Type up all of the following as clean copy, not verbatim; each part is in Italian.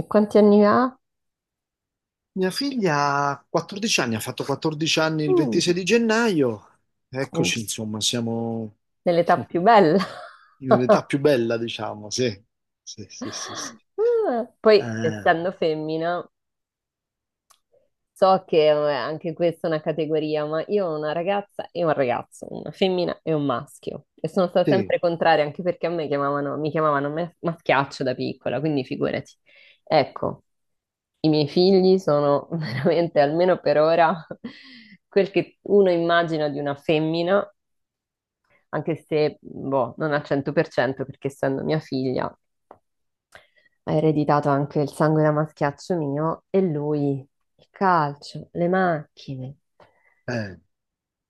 E quanti anni ha? Mia figlia ha 14 anni, ha fatto 14 anni il Mm, 26 di gennaio. è Eccoci, insomma, siamo nell'età più bella. in un'età più bella, diciamo, sì. Sì, sì, sì, sì. Ah, poi, Eh, essendo femmina, so che anche questa è una categoria, ma io ho una ragazza e un ragazzo, una femmina e un maschio. E sono stata sì, sempre contraria, anche perché a me chiamavano, mi chiamavano maschiaccio da piccola, quindi figurati. Ecco, i miei figli sono veramente, almeno per ora, quel che uno immagina di una femmina, anche se, boh, non al 100%, perché essendo mia figlia ha ereditato anche il sangue da maschiaccio mio, e lui il calcio, le macchine, eh,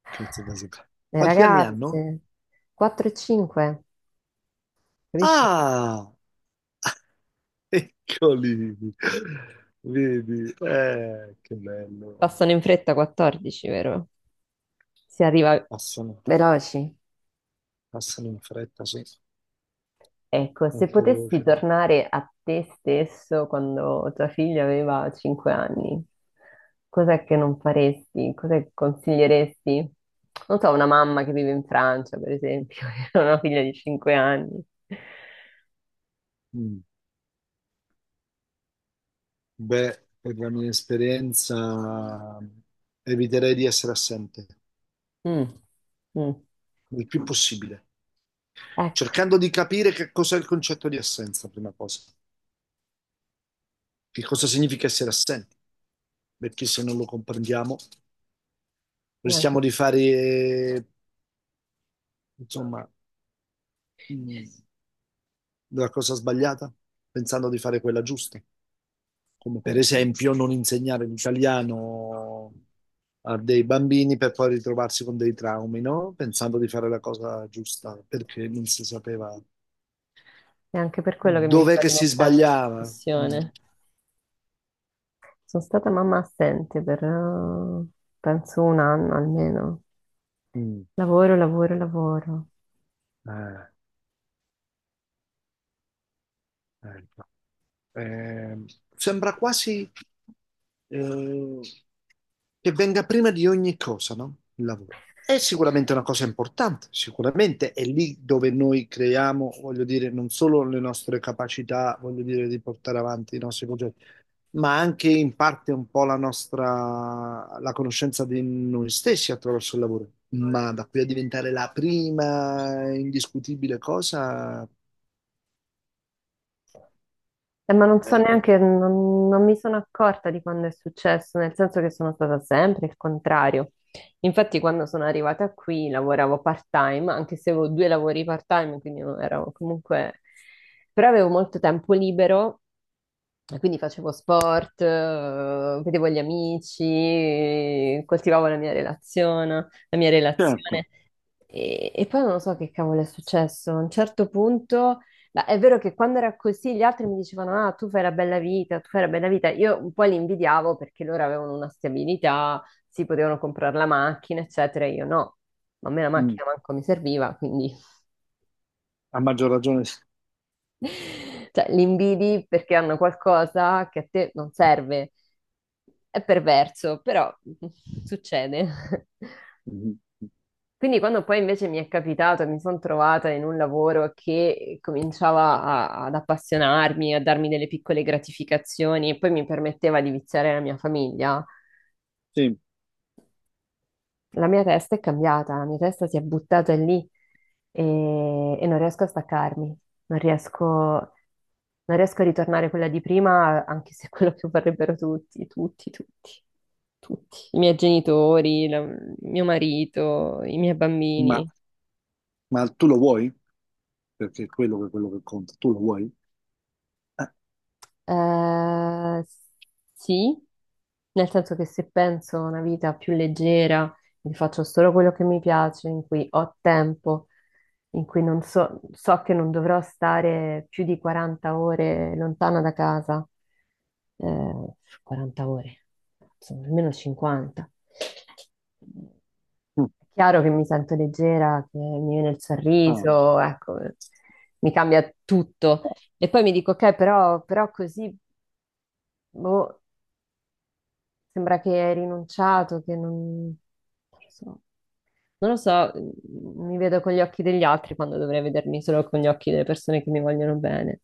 grazie, grazie. le Quanti anni hanno? ragazze, 4 e 5, capisci? Ah, eccoli. Vedi, che bello. Passano in fretta 14, vero? Si arriva Passano, veloci. passano in fretta, sì, Ecco, se molto potessi velocemente. tornare a te stesso quando tua figlia aveva 5 anni, cos'è che non faresti? Cos'è che consiglieresti? Non so, una mamma che vive in Francia, per esempio, e ha una figlia di 5 anni. Mm. Beh, per la mia esperienza eviterei di essere assente, Mm, mm. il più possibile, Ecco, cercando di capire che cos'è il concetto di assenza, prima cosa, che cosa significa essere assenti, perché se non lo comprendiamo neanche, rischiamo di fare, insomma, mh, la cosa sbagliata, pensando di fare quella giusta, come eh, per esempio non insegnare l'italiano a dei bambini per poi ritrovarsi con dei traumi, no? Pensando di fare la cosa giusta, perché non si sapeva neanche per quello che mi dov'è sto che si rimettendo in sbagliava. Mm. discussione. Sono stata mamma assente per, penso, un anno almeno. Mm. Lavoro, lavoro, lavoro. Eh, ecco. Eh, sembra quasi eh, che venga prima di ogni cosa, no? Il lavoro. È sicuramente una cosa importante, sicuramente è lì dove noi creiamo, voglio dire, non solo le nostre capacità, voglio dire, di portare avanti i nostri progetti, ma anche in parte un po' la nostra, la conoscenza di noi stessi attraverso il lavoro. Ma da qui a diventare la prima indiscutibile cosa, Ma non so eh, neanche, non mi sono accorta di quando è successo, nel senso che sono stata sempre il contrario. Infatti, quando sono arrivata qui lavoravo part-time, anche se avevo due lavori part-time, quindi non ero comunque... Però avevo molto tempo libero, e quindi facevo sport, vedevo gli amici, coltivavo la mia relazione, la mia certo, relazione. E poi non lo so che cavolo è successo. A un certo punto, è vero che quando era così gli altri mi dicevano: "Ah, tu fai la bella vita, tu fai la bella vita." Io un po' li invidiavo perché loro avevano una stabilità, si potevano comprare la macchina, eccetera. Io no, ma a me la mm, macchina manco mi serviva, quindi a maggior ragione. cioè, li invidi perché hanno qualcosa che a te non serve. È perverso, però succede. Mhm. Quindi quando poi invece mi è capitato e mi sono trovata in un lavoro che cominciava ad appassionarmi, a darmi delle piccole gratificazioni e poi mi permetteva di viziare la mia famiglia, Sì, la mia testa è cambiata, la mia testa si è buttata lì e, e non riesco a staccarmi, non riesco a ritornare quella di prima, anche se è quello che vorrebbero tutti, tutti, tutti, tutti, i miei genitori, mio marito, i miei ma, bambini. ma tu lo vuoi? Perché è quello che conta, tu lo vuoi? Eh, Eh, sì, nel senso che se penso a una vita più leggera, mi faccio solo quello che mi piace, in cui ho tempo, in cui non so, so che non dovrò stare più di 40 ore lontana da casa, eh, 40 ore, insomma, almeno 50. mm. È chiaro che mi sento leggera, che mi viene il Ah, sorriso, ecco, mi cambia tutto. E poi mi dico, ok, però, però così boh, sembra che hai rinunciato, che non, non lo so, non lo so, mi vedo con gli occhi degli altri quando dovrei vedermi solo con gli occhi delle persone che mi vogliono bene.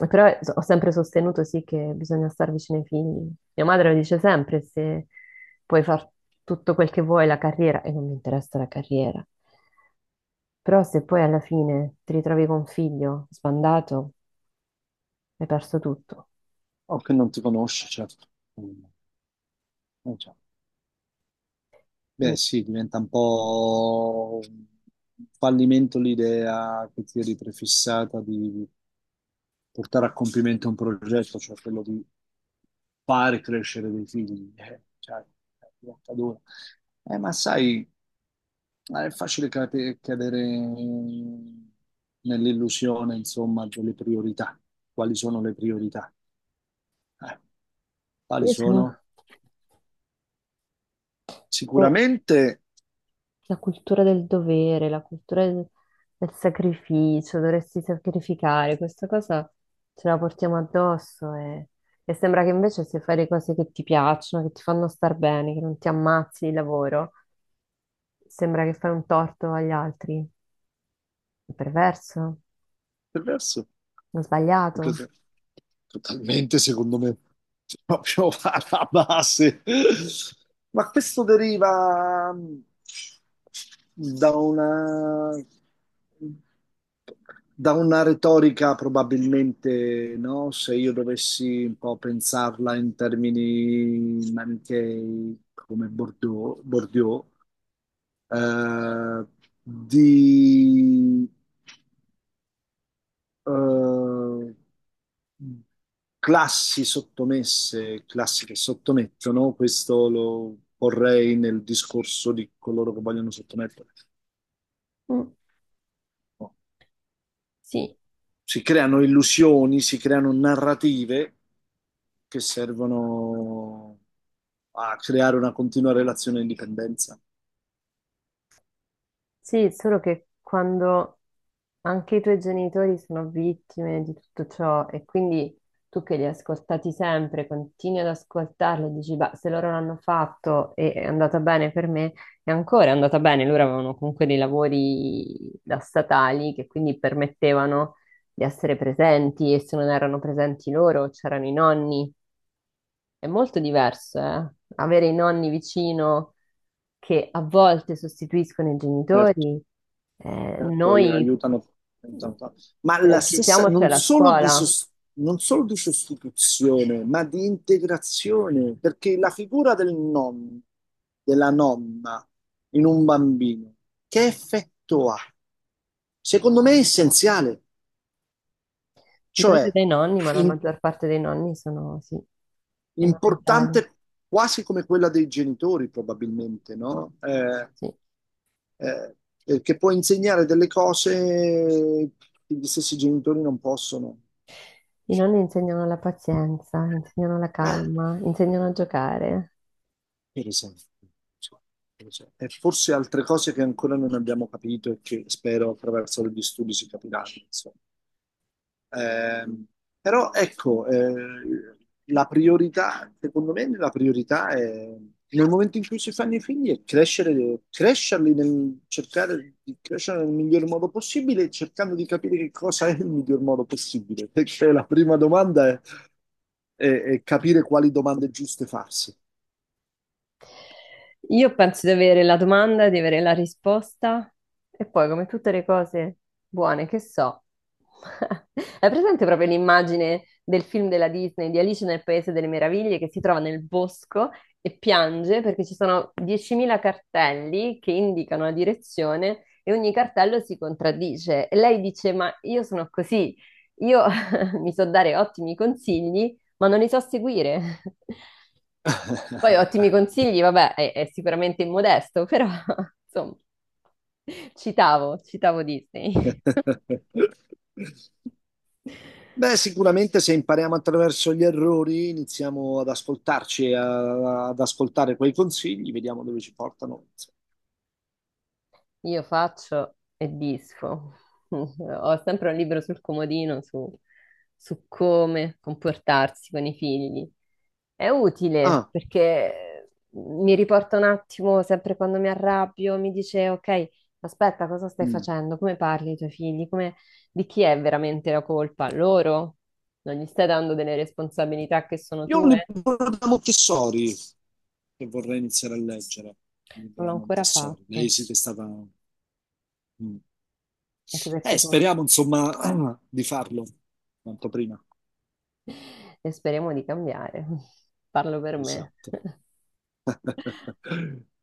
E però ho sempre sostenuto sì che bisogna star vicino ai figli. Mia madre lo dice sempre, se puoi far tutto quel che vuoi, la carriera, e non mi interessa la carriera. Però se poi alla fine ti ritrovi con un figlio sbandato, hai perso tutto. o che non ti conosci, certo. Mm. Certo. Beh, Quindi sì, diventa un po' un fallimento l'idea che ti eri prefissata di portare a compimento un progetto, cioè quello di fare crescere dei figli. Cioè, è diventa dura. Ma sai, è facile cadere nell'illusione, insomma, delle priorità. Quali sono le priorità? Eh, quali io sono... sono? boh, Sicuramente. la cultura del dovere, la cultura del sacrificio, dovresti sacrificare, questa cosa ce la portiamo addosso, e sembra che invece se fai le cose che ti piacciono, che ti fanno star bene, che non ti ammazzi di lavoro, sembra che fai un torto agli altri. È perverso, Del resto, è è sbagliato. così, totalmente secondo me, proprio alla base. Ma questo deriva da una, da una retorica probabilmente, no? Se io dovessi un po' pensarla in termini manichei come Bordeaux, Bordeaux, eh, di eh, classi sottomesse, classi che sottomettono, questo lo porrei nel discorso di coloro che vogliono sottomettere. Mm, No. sì, Si creano illusioni, si creano narrative che servono a creare una continua relazione di dipendenza. sì, solo che quando... Anche i tuoi genitori sono vittime di tutto ciò, e quindi tu che li hai ascoltati sempre continui ad ascoltarli e dici: beh, se loro l'hanno fatto e è andata bene per me, è ancora andata bene. Loro avevano comunque dei lavori da statali che quindi permettevano di essere presenti, e se non erano presenti loro c'erano i nonni. È molto diverso, eh? Avere i nonni vicino che a volte sostituiscono i Certo. genitori. Certo, gli Noi aiutano tanto. Ma se la non ci stessa, siamo, c'è non la solo di, scuola. Non solo di sostituzione, ma di integrazione, perché la figura del nonno, della nonna in un bambino, che effetto ha? Secondo me è essenziale, Dipende cioè dai nonni, ma la in- maggior parte dei nonni sono, sì, fondamentali. importante quasi come quella dei genitori, probabilmente, no? Sì. eh, perché può insegnare delle cose che gli stessi genitori non possono. I nonni insegnano la pazienza, insegnano la Eh, calma, insegnano a giocare. per esempio. Insomma, per esempio. E forse altre cose che ancora non abbiamo capito e che spero attraverso gli studi si capiranno, insomma. Ehm, però ecco, la priorità, secondo me, la priorità è nel momento in cui si fanno i figli è crescere, crescerli nel cercare di crescere nel miglior modo possibile, cercando di capire che cosa è il miglior modo possibile. Perché la prima domanda è, è capire quali domande giuste farsi. Io penso di avere la domanda, di avere la risposta e poi, come tutte le cose buone che so, hai presente proprio l'immagine del film della Disney di Alice nel Paese delle Meraviglie che si trova nel bosco e piange perché ci sono 10.000 cartelli che indicano la direzione e ogni cartello si contraddice. E lei dice: "Ma io sono così, io mi so dare ottimi consigli, ma non li so seguire." Poi ottimi consigli, vabbè, è sicuramente immodesto, però insomma, citavo Disney. Beh, sicuramente se impariamo attraverso gli errori, iniziamo ad ascoltarci, ad ascoltare quei consigli, vediamo dove ci portano. Io faccio e disfo. Ho sempre un libro sul comodino su come comportarsi con i figli. È utile Ah, perché mi riporta un attimo, sempre quando mi arrabbio, mi dice, ok, aspetta, cosa stai mm. facendo? Come parli ai tuoi figli? Come... Di chi è veramente la colpa? Loro? Non gli stai dando delle responsabilità che sono Io ho un tue? libro da Montessori che vorrei iniziare a leggere, un libro Non l'ho da ancora Montessori. Lei fatto, sì che è stata... Mm. anche perché... Speriamo insomma di farlo quanto prima. E speriamo di cambiare. Parlo per me. Esatto.